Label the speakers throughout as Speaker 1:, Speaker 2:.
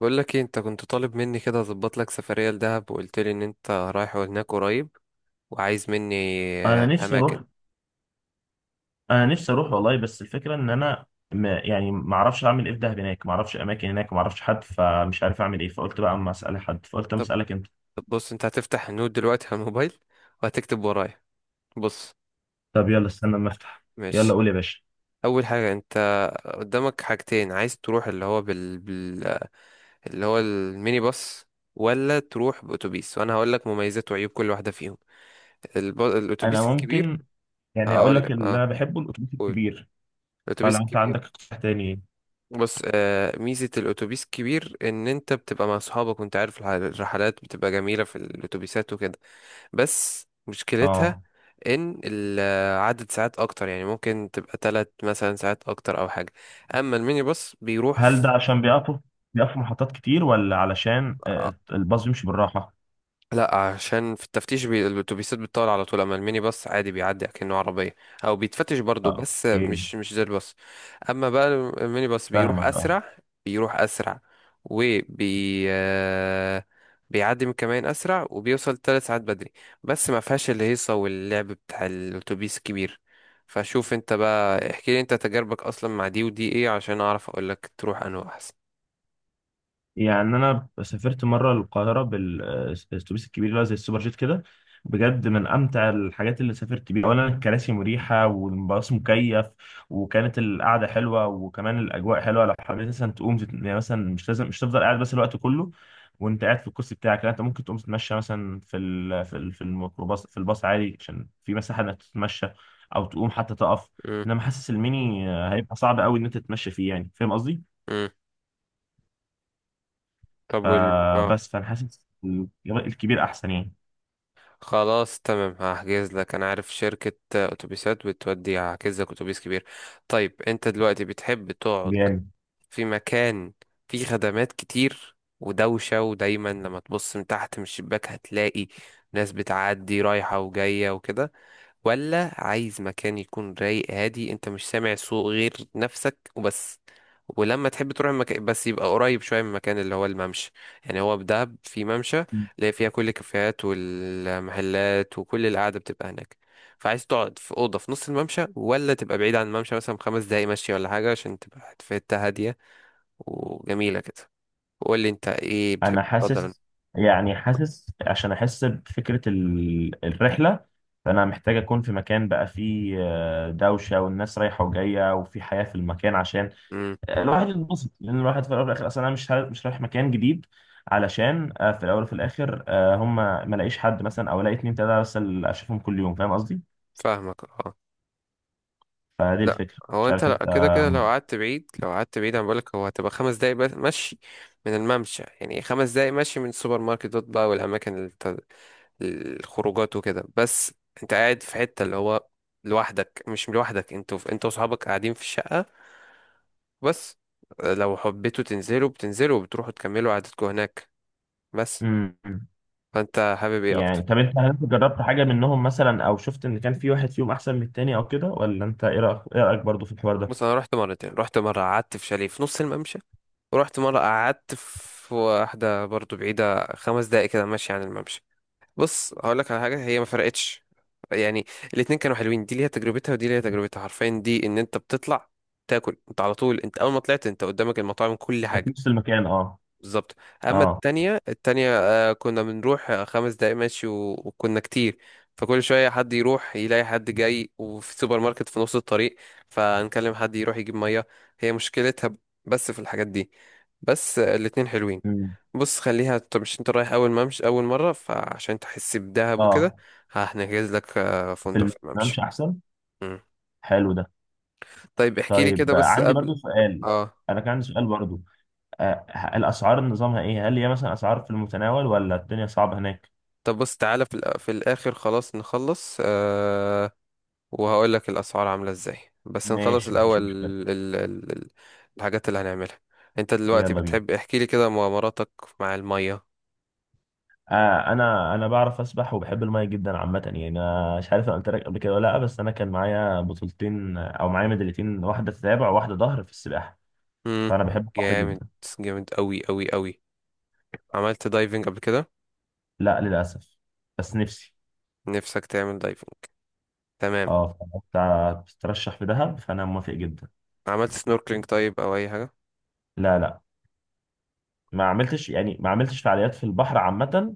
Speaker 1: بقول لك ايه، انت كنت طالب مني كده اظبط لك سفريه لدهب وقلت لي ان انت رايح هناك قريب وعايز مني
Speaker 2: انا نفسي
Speaker 1: اماكن.
Speaker 2: اروح انا نفسي اروح والله، بس الفكره ان انا ما اعرفش اعمل ايه في دهب. هناك ما اعرفش اماكن، هناك ما اعرفش حد، فمش عارف اعمل ايه. فقلت بقى اما اسال حد، فقلت اما
Speaker 1: طب
Speaker 2: اسالك انت.
Speaker 1: طب بص، انت هتفتح النوت دلوقتي على الموبايل وهتكتب ورايا. بص.
Speaker 2: طب يلا استنى اما افتح. يلا
Speaker 1: ماشي.
Speaker 2: قول يا باشا.
Speaker 1: اول حاجه، انت قدامك حاجتين، عايز تروح اللي هو بال... بال... آه، اللي هو الميني باص، ولا تروح باتوبيس، وانا هقول لك مميزات وعيوب كل واحده فيهم.
Speaker 2: انا
Speaker 1: الاتوبيس الكبير.
Speaker 2: ممكن يعني اقول
Speaker 1: هقول
Speaker 2: لك
Speaker 1: لك،
Speaker 2: اللي
Speaker 1: اه،
Speaker 2: انا بحبه الاتوبيس
Speaker 1: قول.
Speaker 2: الكبير، فلو
Speaker 1: الاتوبيس
Speaker 2: انت
Speaker 1: الكبير.
Speaker 2: عندك اقتراح تاني.
Speaker 1: بص، ميزة الأتوبيس كبير إن أنت بتبقى مع صحابك، وأنت عارف الرحلات بتبقى جميلة في الأتوبيسات وكده. بس مشكلتها
Speaker 2: اه،
Speaker 1: إن عدد ساعات أكتر، يعني ممكن تبقى 3 مثلا ساعات أكتر أو حاجة. أما الميني باص بيروح في...
Speaker 2: هل ده عشان بيقفوا محطات كتير ولا علشان الباص بيمشي بالراحه؟
Speaker 1: لا، عشان في التفتيش الاتوبيسات بتطول على طول، اما الميني باص عادي بيعدي كأنه عربيه، او بيتفتش برضه
Speaker 2: اه
Speaker 1: بس
Speaker 2: اوكي.
Speaker 1: مش زي الباص. اما بقى، الميني باص بيروح
Speaker 2: فاهمك اه.
Speaker 1: اسرع، بيروح اسرع وبي آه، بيعدي من كمان اسرع وبيوصل 3 ساعات بدري. بس ما فيهاش الهيصه واللعب بتاع الاتوبيس الكبير. فشوف انت بقى، احكي لي انت تجاربك اصلا مع دي ودي ايه، عشان اعرف اقول لك تروح انه احسن.
Speaker 2: يعني انا سافرت مره القاهره بالاتوبيس الكبير، اللي هو زي السوبر جيت كده، بجد من امتع الحاجات اللي سافرت بيها. اولا الكراسي مريحه والباص مكيف، وكانت القعده حلوه، وكمان الاجواء حلوه. لو حبيت مثلا تقوم يعني مثلا مش لازم مش تفضل قاعد بس الوقت كله وانت قاعد في الكرسي بتاعك، لا انت ممكن تقوم تتمشى مثلا في الميكروباص، في الباص عادي، عشان في مساحه انك تتمشى او تقوم حتى تقف. انما حاسس الميني هيبقى صعب قوي ان انت تتمشى فيه، يعني فاهم قصدي.
Speaker 1: امم. طب اه.
Speaker 2: فانا حاسس الجبل الكبير احسن يعني.
Speaker 1: خلاص تمام، هحجز لك. انا عارف شركة اتوبيسات بتودي، هحجز لك اتوبيس كبير. طيب، انت دلوقتي بتحب تقعد
Speaker 2: جامد.
Speaker 1: في مكان فيه خدمات كتير ودوشة، ودايما لما تبص من تحت من الشباك هتلاقي ناس بتعدي رايحة وجاية وكده، ولا عايز مكان يكون رايق هادي، انت مش سامع صوت غير نفسك وبس؟ ولما تحب تروح المكان بس يبقى قريب شوية من المكان اللي هو الممشى. يعني هو في دهب في ممشى، اللي فيها كل الكافيهات والمحلات وكل القعدة بتبقى هناك. فعايز تقعد في أوضة في نص الممشى، ولا تبقى بعيد عن الممشى مثلا 5 دقايق مشي ولا حاجة، عشان تبقى في حتة هادية وجميلة كده؟ وقول لي انت ايه
Speaker 2: انا
Speaker 1: بتحب تفضل.
Speaker 2: حاسس يعني حاسس عشان احس بفكره الرحله. فانا محتاج اكون في مكان بقى فيه دوشه والناس رايحه وجايه وفي حياه في المكان، عشان
Speaker 1: امم.
Speaker 2: الواحد يتبسط. لان الواحد في الاول والاخر اصلا انا مش رايح مكان جديد، علشان في الاول وفي الاخر هم ما الاقيش حد مثلا او الاقي اتنين تلاته بس اللي اشوفهم كل يوم، فاهم قصدي.
Speaker 1: فاهمك، اه.
Speaker 2: فدي
Speaker 1: لا،
Speaker 2: الفكره،
Speaker 1: هو
Speaker 2: مش
Speaker 1: انت،
Speaker 2: عارف
Speaker 1: لا
Speaker 2: انت.
Speaker 1: كده كده، لو قعدت بعيد انا بقولك، هو هتبقى 5 دقايق بس مشي من الممشى، يعني 5 دقايق مشي من السوبر ماركتات بقى، والاماكن الخروجات وكده بس. انت قاعد في حتة اللي هو لوحدك، مش لوحدك، انت واصحابك قاعدين في الشقة بس. لو حبيتوا تنزلوا بتنزلوا وبتروحوا تكملوا قعدتكم هناك بس.
Speaker 2: مم.
Speaker 1: فانت حابب ايه
Speaker 2: يعني
Speaker 1: اكتر؟
Speaker 2: طب انت، هل انت جربت حاجة منهم مثلا او شفت ان كان في واحد فيهم احسن من التاني او كده؟ ولا انت ايه رأيك برضه في الحوار ده؟
Speaker 1: بص، انا رحت مرتين. رحت مره قعدت في شاليه في نص الممشى، ورحت مره قعدت في واحده برضو بعيده 5 دقايق كده ماشي عن الممشى. بص هقول لك على حاجه، هي ما فرقتش. يعني الاتنين كانوا حلوين، دي ليها تجربتها ودي ليها تجربتها حرفيا. دي ان انت بتطلع تاكل انت على طول، انت اول ما طلعت انت قدامك المطاعم كل
Speaker 2: في
Speaker 1: حاجه.
Speaker 2: نفس المكان اه.
Speaker 1: بالظبط. اما
Speaker 2: اه.
Speaker 1: التانية، كنا بنروح 5 دقايق ماشي، وكنا كتير. فكل شوية حد يروح يلاقي حد جاي، وفي سوبر ماركت في نص الطريق، فنكلم حد يروح يجيب مية. هي مشكلتها بس في الحاجات دي بس. الاتنين حلوين.
Speaker 2: امم.
Speaker 1: بص خليها، انت مش، انت رايح اول ممشى اول مرة، فعشان تحس بدهب وكده
Speaker 2: اه،
Speaker 1: هنجهز لك
Speaker 2: في
Speaker 1: فندق في
Speaker 2: المكان مش
Speaker 1: الممشى.
Speaker 2: احسن.
Speaker 1: مم.
Speaker 2: حلو ده.
Speaker 1: طيب احكي لي
Speaker 2: طيب
Speaker 1: كده بس
Speaker 2: عندي
Speaker 1: قبل.
Speaker 2: برضه سؤال.
Speaker 1: اه.
Speaker 2: انا كان عندي سؤال برضه. آه، الاسعار نظامها ايه؟ هل هي مثلا اسعار في المتناول ولا الدنيا صعبة هناك؟
Speaker 1: طب بص، تعالى في في الاخر، خلاص نخلص وهقول لك الاسعار عامله ازاي. بس نخلص
Speaker 2: ماشي مفيش
Speaker 1: الاول،
Speaker 2: مشكلة.
Speaker 1: ال... الحاجات اللي هنعملها. انت دلوقتي
Speaker 2: يلا بينا.
Speaker 1: بتحب، احكي لي كده مغامراتك مع الميه.
Speaker 2: آه، انا بعرف اسبح وبحب الميه جدا عامه. يعني انا مش عارف انا قلت لك قبل كده ولا لا، بس انا كان معايا بطولتين او معايا ميداليتين، واحده تتابع وواحده ظهر في السباحه.
Speaker 1: امم
Speaker 2: فانا بحب البحر
Speaker 1: جامد.
Speaker 2: جدا.
Speaker 1: جامد قوي قوي قوي. عملت دايفنج قبل كده؟
Speaker 2: لا للاسف، بس نفسي.
Speaker 1: نفسك تعمل دايفنج. تمام.
Speaker 2: اه. فأنت بتترشح في دهب، فانا موافق جدا.
Speaker 1: عملت سنوركلينج طيب او اي حاجه؟
Speaker 2: لا لا، ما عملتش، يعني ما عملتش فعاليات في البحر عامه،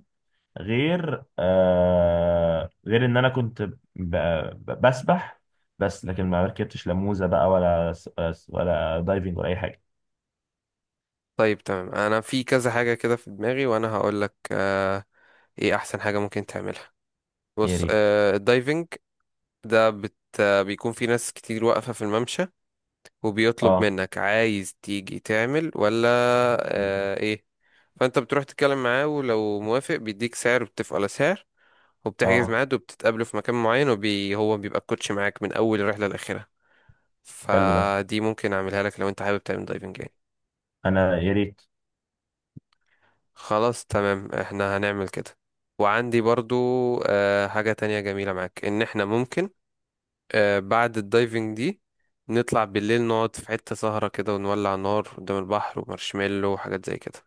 Speaker 2: غير آه، غير ان انا بسبح. بس لكن ما ركبتش لا موزه بقى ولا دايفنج ولا اي حاجه.
Speaker 1: طيب تمام، انا في كذا حاجه كده في دماغي وانا هقول لك ايه احسن حاجه ممكن تعملها.
Speaker 2: يا
Speaker 1: بص،
Speaker 2: ريت.
Speaker 1: الدايفنج ده بت... آه، بيكون في ناس كتير واقفه في الممشى، وبيطلب
Speaker 2: اه.
Speaker 1: منك عايز تيجي تعمل ولا. آه، ايه. فانت بتروح تتكلم معاه، ولو موافق بيديك سعر، وبتتفقوا على سعر، وبتحجز
Speaker 2: اه.
Speaker 1: ميعاد، وبتتقابلوا في مكان معين، هو بيبقى الكوتش معاك من اول الرحله لاخرها.
Speaker 2: حلو ده.
Speaker 1: فدي ممكن اعملها لك لو انت حابب تعمل دايفنج يعني.
Speaker 2: انا يا ريت.
Speaker 1: خلاص تمام، احنا هنعمل كده. وعندي برضو حاجه تانية جميله معاك، ان احنا ممكن بعد الدايفنج دي نطلع بالليل، نقعد في حته سهره كده، ونولع نار قدام البحر، ومارشميلو وحاجات زي كده.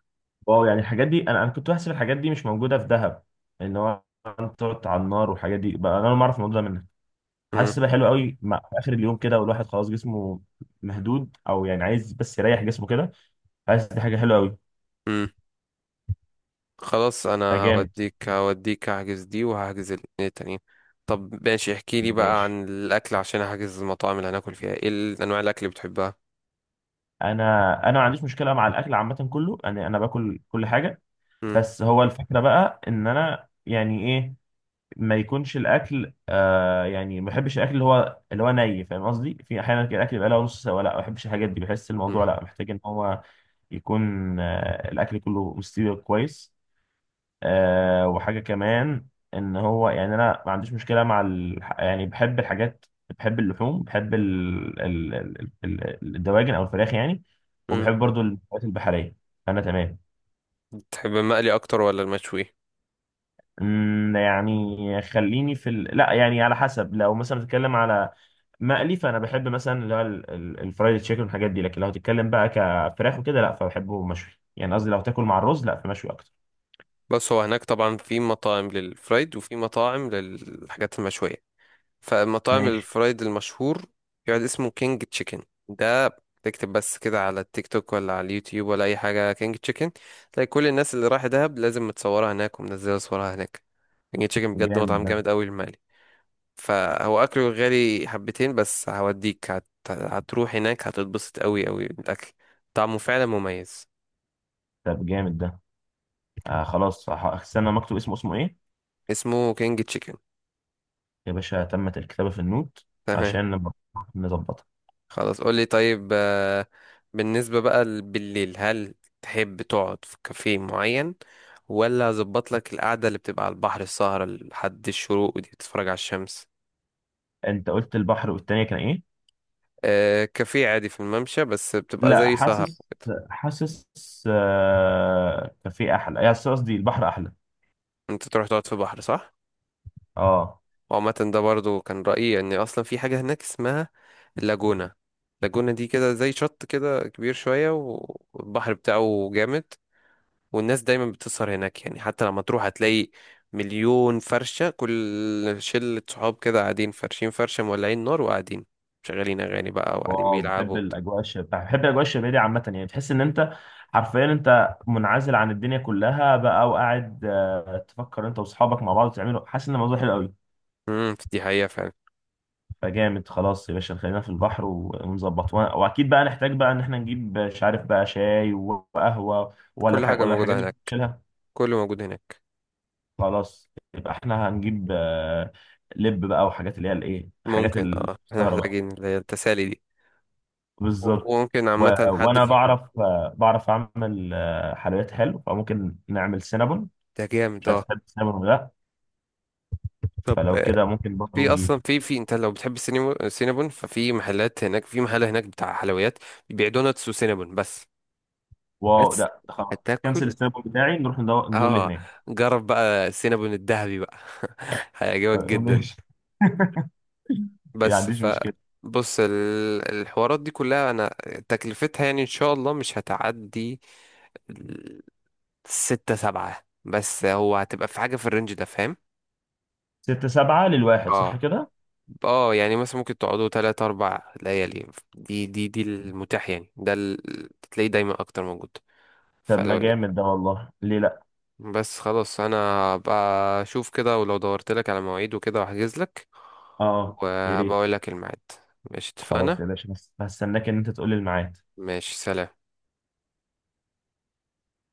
Speaker 2: واو، يعني الحاجات دي، انا كنت بحسب الحاجات دي مش موجوده في دهب. ان هو انت تقعد على النار والحاجات دي بقى، انا أول ما اعرف الموضوع ده منك. حاسس بقى حلو قوي، مع في اخر اليوم كده والواحد خلاص جسمه مهدود او يعني عايز بس يريح جسمه كده، حاسس دي حاجه حلوه قوي.
Speaker 1: امم خلاص، انا
Speaker 2: فجامد.
Speaker 1: هوديك هحجز دي وهحجز الاتنين التانيين. طب ماشي، احكي لي بقى
Speaker 2: ماشي.
Speaker 1: عن الاكل، عشان هحجز المطاعم اللي هناكل فيها. ايه انواع الاكل اللي بتحبها؟
Speaker 2: انا انا ما عنديش مشكله مع الاكل عامه كله، انا باكل كل حاجه.
Speaker 1: امم
Speaker 2: بس هو الفكره بقى ان انا يعني ايه، ما يكونش الاكل آه، يعني ما بحبش الاكل اللي هو ني، فاهم قصدي؟ في احيانا كده الاكل بقى له نص سوا، لا ما بحبش الحاجات دي، بحس الموضوع
Speaker 1: امم
Speaker 2: لا محتاج ان هو يكون آه الاكل كله مستوي كويس. آه وحاجه كمان ان هو، يعني انا ما عنديش مشكله مع يعني بحب الحاجات، بحب اللحوم، بحب الدواجن او الفراخ يعني،
Speaker 1: امم
Speaker 2: وبحب برضو الحاجات البحريه. انا تمام.
Speaker 1: بتحب المقلي اكتر ولا المشوي؟
Speaker 2: أمم، يعني خليني في لا يعني على حسب، لو مثلا بتتكلم على مقلي فانا بحب مثلا اللي هو الفرايد تشيكن والحاجات دي، لكن لو هتتكلم بقى كفراخ وكده لا فبحبه مشوي يعني، قصدي لو تاكل مع الرز لا فمشوي اكتر.
Speaker 1: بس هو هناك طبعا في مطاعم للفرايد، وفي مطاعم للحاجات المشوية. فمطاعم
Speaker 2: ماشي.
Speaker 1: الفرايد المشهور يقعد اسمه كينج تشيكن. ده تكتب بس كده على التيك توك ولا على اليوتيوب ولا اي حاجه، كينج تشيكن. تلاقي كل الناس اللي راح دهب لازم متصوره هناك ومنزله صورها هناك. كينج تشيكن، بجد
Speaker 2: جامد
Speaker 1: مطعم
Speaker 2: ده.
Speaker 1: جامد قوي المالي. فهو اكله غالي حبتين، بس هوديك هتروح هناك هتتبسط قوي قوي بالاكل. طعمه فعلا مميز.
Speaker 2: طب جامد ده. آه خلاص استنى ما اكتب اسمه. اسمه ايه؟
Speaker 1: اسمه كينج تشيكن.
Speaker 2: يا باشا تمت الكتابة في النوت
Speaker 1: تمام،
Speaker 2: عشان نبقى نظبطها.
Speaker 1: خلاص قولي طيب. بالنسبة بقى بالليل، هل تحب تقعد في كافيه معين، ولا اظبط لك القعدة اللي بتبقى على البحر، السهرة لحد الشروق ودي بتتفرج على الشمس؟
Speaker 2: انت قلت البحر والتانية كان ايه؟
Speaker 1: كافيه عادي في الممشى، بس بتبقى
Speaker 2: لا
Speaker 1: زي سهرة
Speaker 2: حاسس
Speaker 1: كده.
Speaker 2: حاسس آه، كافيه احلى، يعني قصدي البحر احلى.
Speaker 1: انت تروح تقعد في بحر، صح؟
Speaker 2: اه.
Speaker 1: وعامة ده برضو كان رأيي، ان اصلا في حاجة هناك اسمها اللاجونة. اللاجونة دي كده زي شط كده كبير شوية، والبحر بتاعه جامد، والناس دايما بتسهر هناك. يعني حتى لما تروح هتلاقي مليون فرشة، كل شلة صحاب كده قاعدين فرشين فرشة، مولعين نار وقاعدين، شغالين أغاني بقى وقاعدين
Speaker 2: واو،
Speaker 1: بيلعبوا
Speaker 2: بحب
Speaker 1: وبتاع.
Speaker 2: الاجواء الشبابيه، بحب الاجواء الشبابيه دي عامه، يعني تحس ان انت حرفيا انت منعزل عن الدنيا كلها بقى، وقاعد تفكر انت واصحابك مع بعض تعملوا، حاسس ان الموضوع حلو قوي.
Speaker 1: دي حقيقة فعلا.
Speaker 2: فجامد. خلاص يا باشا خلينا في البحر ونظبط، واكيد بقى نحتاج بقى ان احنا نجيب، مش عارف بقى شاي وقهوه ولا
Speaker 1: كل
Speaker 2: الحاجة
Speaker 1: حاجة
Speaker 2: ولا الحاجات
Speaker 1: موجودة
Speaker 2: دي
Speaker 1: هناك،
Speaker 2: نشيلها.
Speaker 1: كله موجود هناك.
Speaker 2: خلاص يبقى احنا هنجيب لب بقى وحاجات اللي هي الايه حاجات
Speaker 1: ممكن، اه، احنا
Speaker 2: السهره بقى.
Speaker 1: محتاجين اللي هي التسالي دي.
Speaker 2: بالظبط.
Speaker 1: وممكن عامة حد
Speaker 2: وانا
Speaker 1: فيكم.
Speaker 2: بعرف بعرف اعمل حلويات حلو، فممكن نعمل سينابون.
Speaker 1: ده جامد،
Speaker 2: مش عارف
Speaker 1: اه.
Speaker 2: تحب السينابون ولا لا؟
Speaker 1: طب،
Speaker 2: فلو كده ممكن برضه
Speaker 1: في
Speaker 2: نجيب.
Speaker 1: اصلا في في انت لو بتحب السينابون، ففي محلات هناك، في محل هناك بتاع حلويات بيبيع دوناتس وسينابون بس.
Speaker 2: واو، ده
Speaker 1: بس
Speaker 2: ده خلاص كنسل
Speaker 1: هتاكل،
Speaker 2: السينابون بتاعي، نروح ندول
Speaker 1: اه.
Speaker 2: هناك.
Speaker 1: جرب بقى السينابون الذهبي بقى هيعجبك
Speaker 2: آه،
Speaker 1: جدا.
Speaker 2: ماشي. ما
Speaker 1: بس
Speaker 2: عنديش
Speaker 1: ف
Speaker 2: مشكله.
Speaker 1: بص، الحوارات دي كلها انا تكلفتها يعني ان شاء الله مش هتعدي ال- 6 7 بس، هو هتبقى في حاجة في الرينج ده، فاهم؟
Speaker 2: ستة سبعة للواحد صح
Speaker 1: اه.
Speaker 2: كده؟
Speaker 1: اه يعني مثلا ممكن تقعدوا 3 4 ليالي. دي المتاح يعني، ده تلاقيه دايما اكتر موجود.
Speaker 2: طب ما
Speaker 1: فلو
Speaker 2: جامد ده والله، ليه لا؟
Speaker 1: بس خلاص، انا بقى اشوف كده، ولو دورت لك على مواعيد وكده واحجز لك
Speaker 2: اه يا
Speaker 1: وهبقى
Speaker 2: ريت.
Speaker 1: اقول لك الميعاد. ماشي،
Speaker 2: خلاص يا
Speaker 1: اتفقنا.
Speaker 2: باشا، بس هستناك ان انت تقول لي الميعاد.
Speaker 1: ماشي، سلام.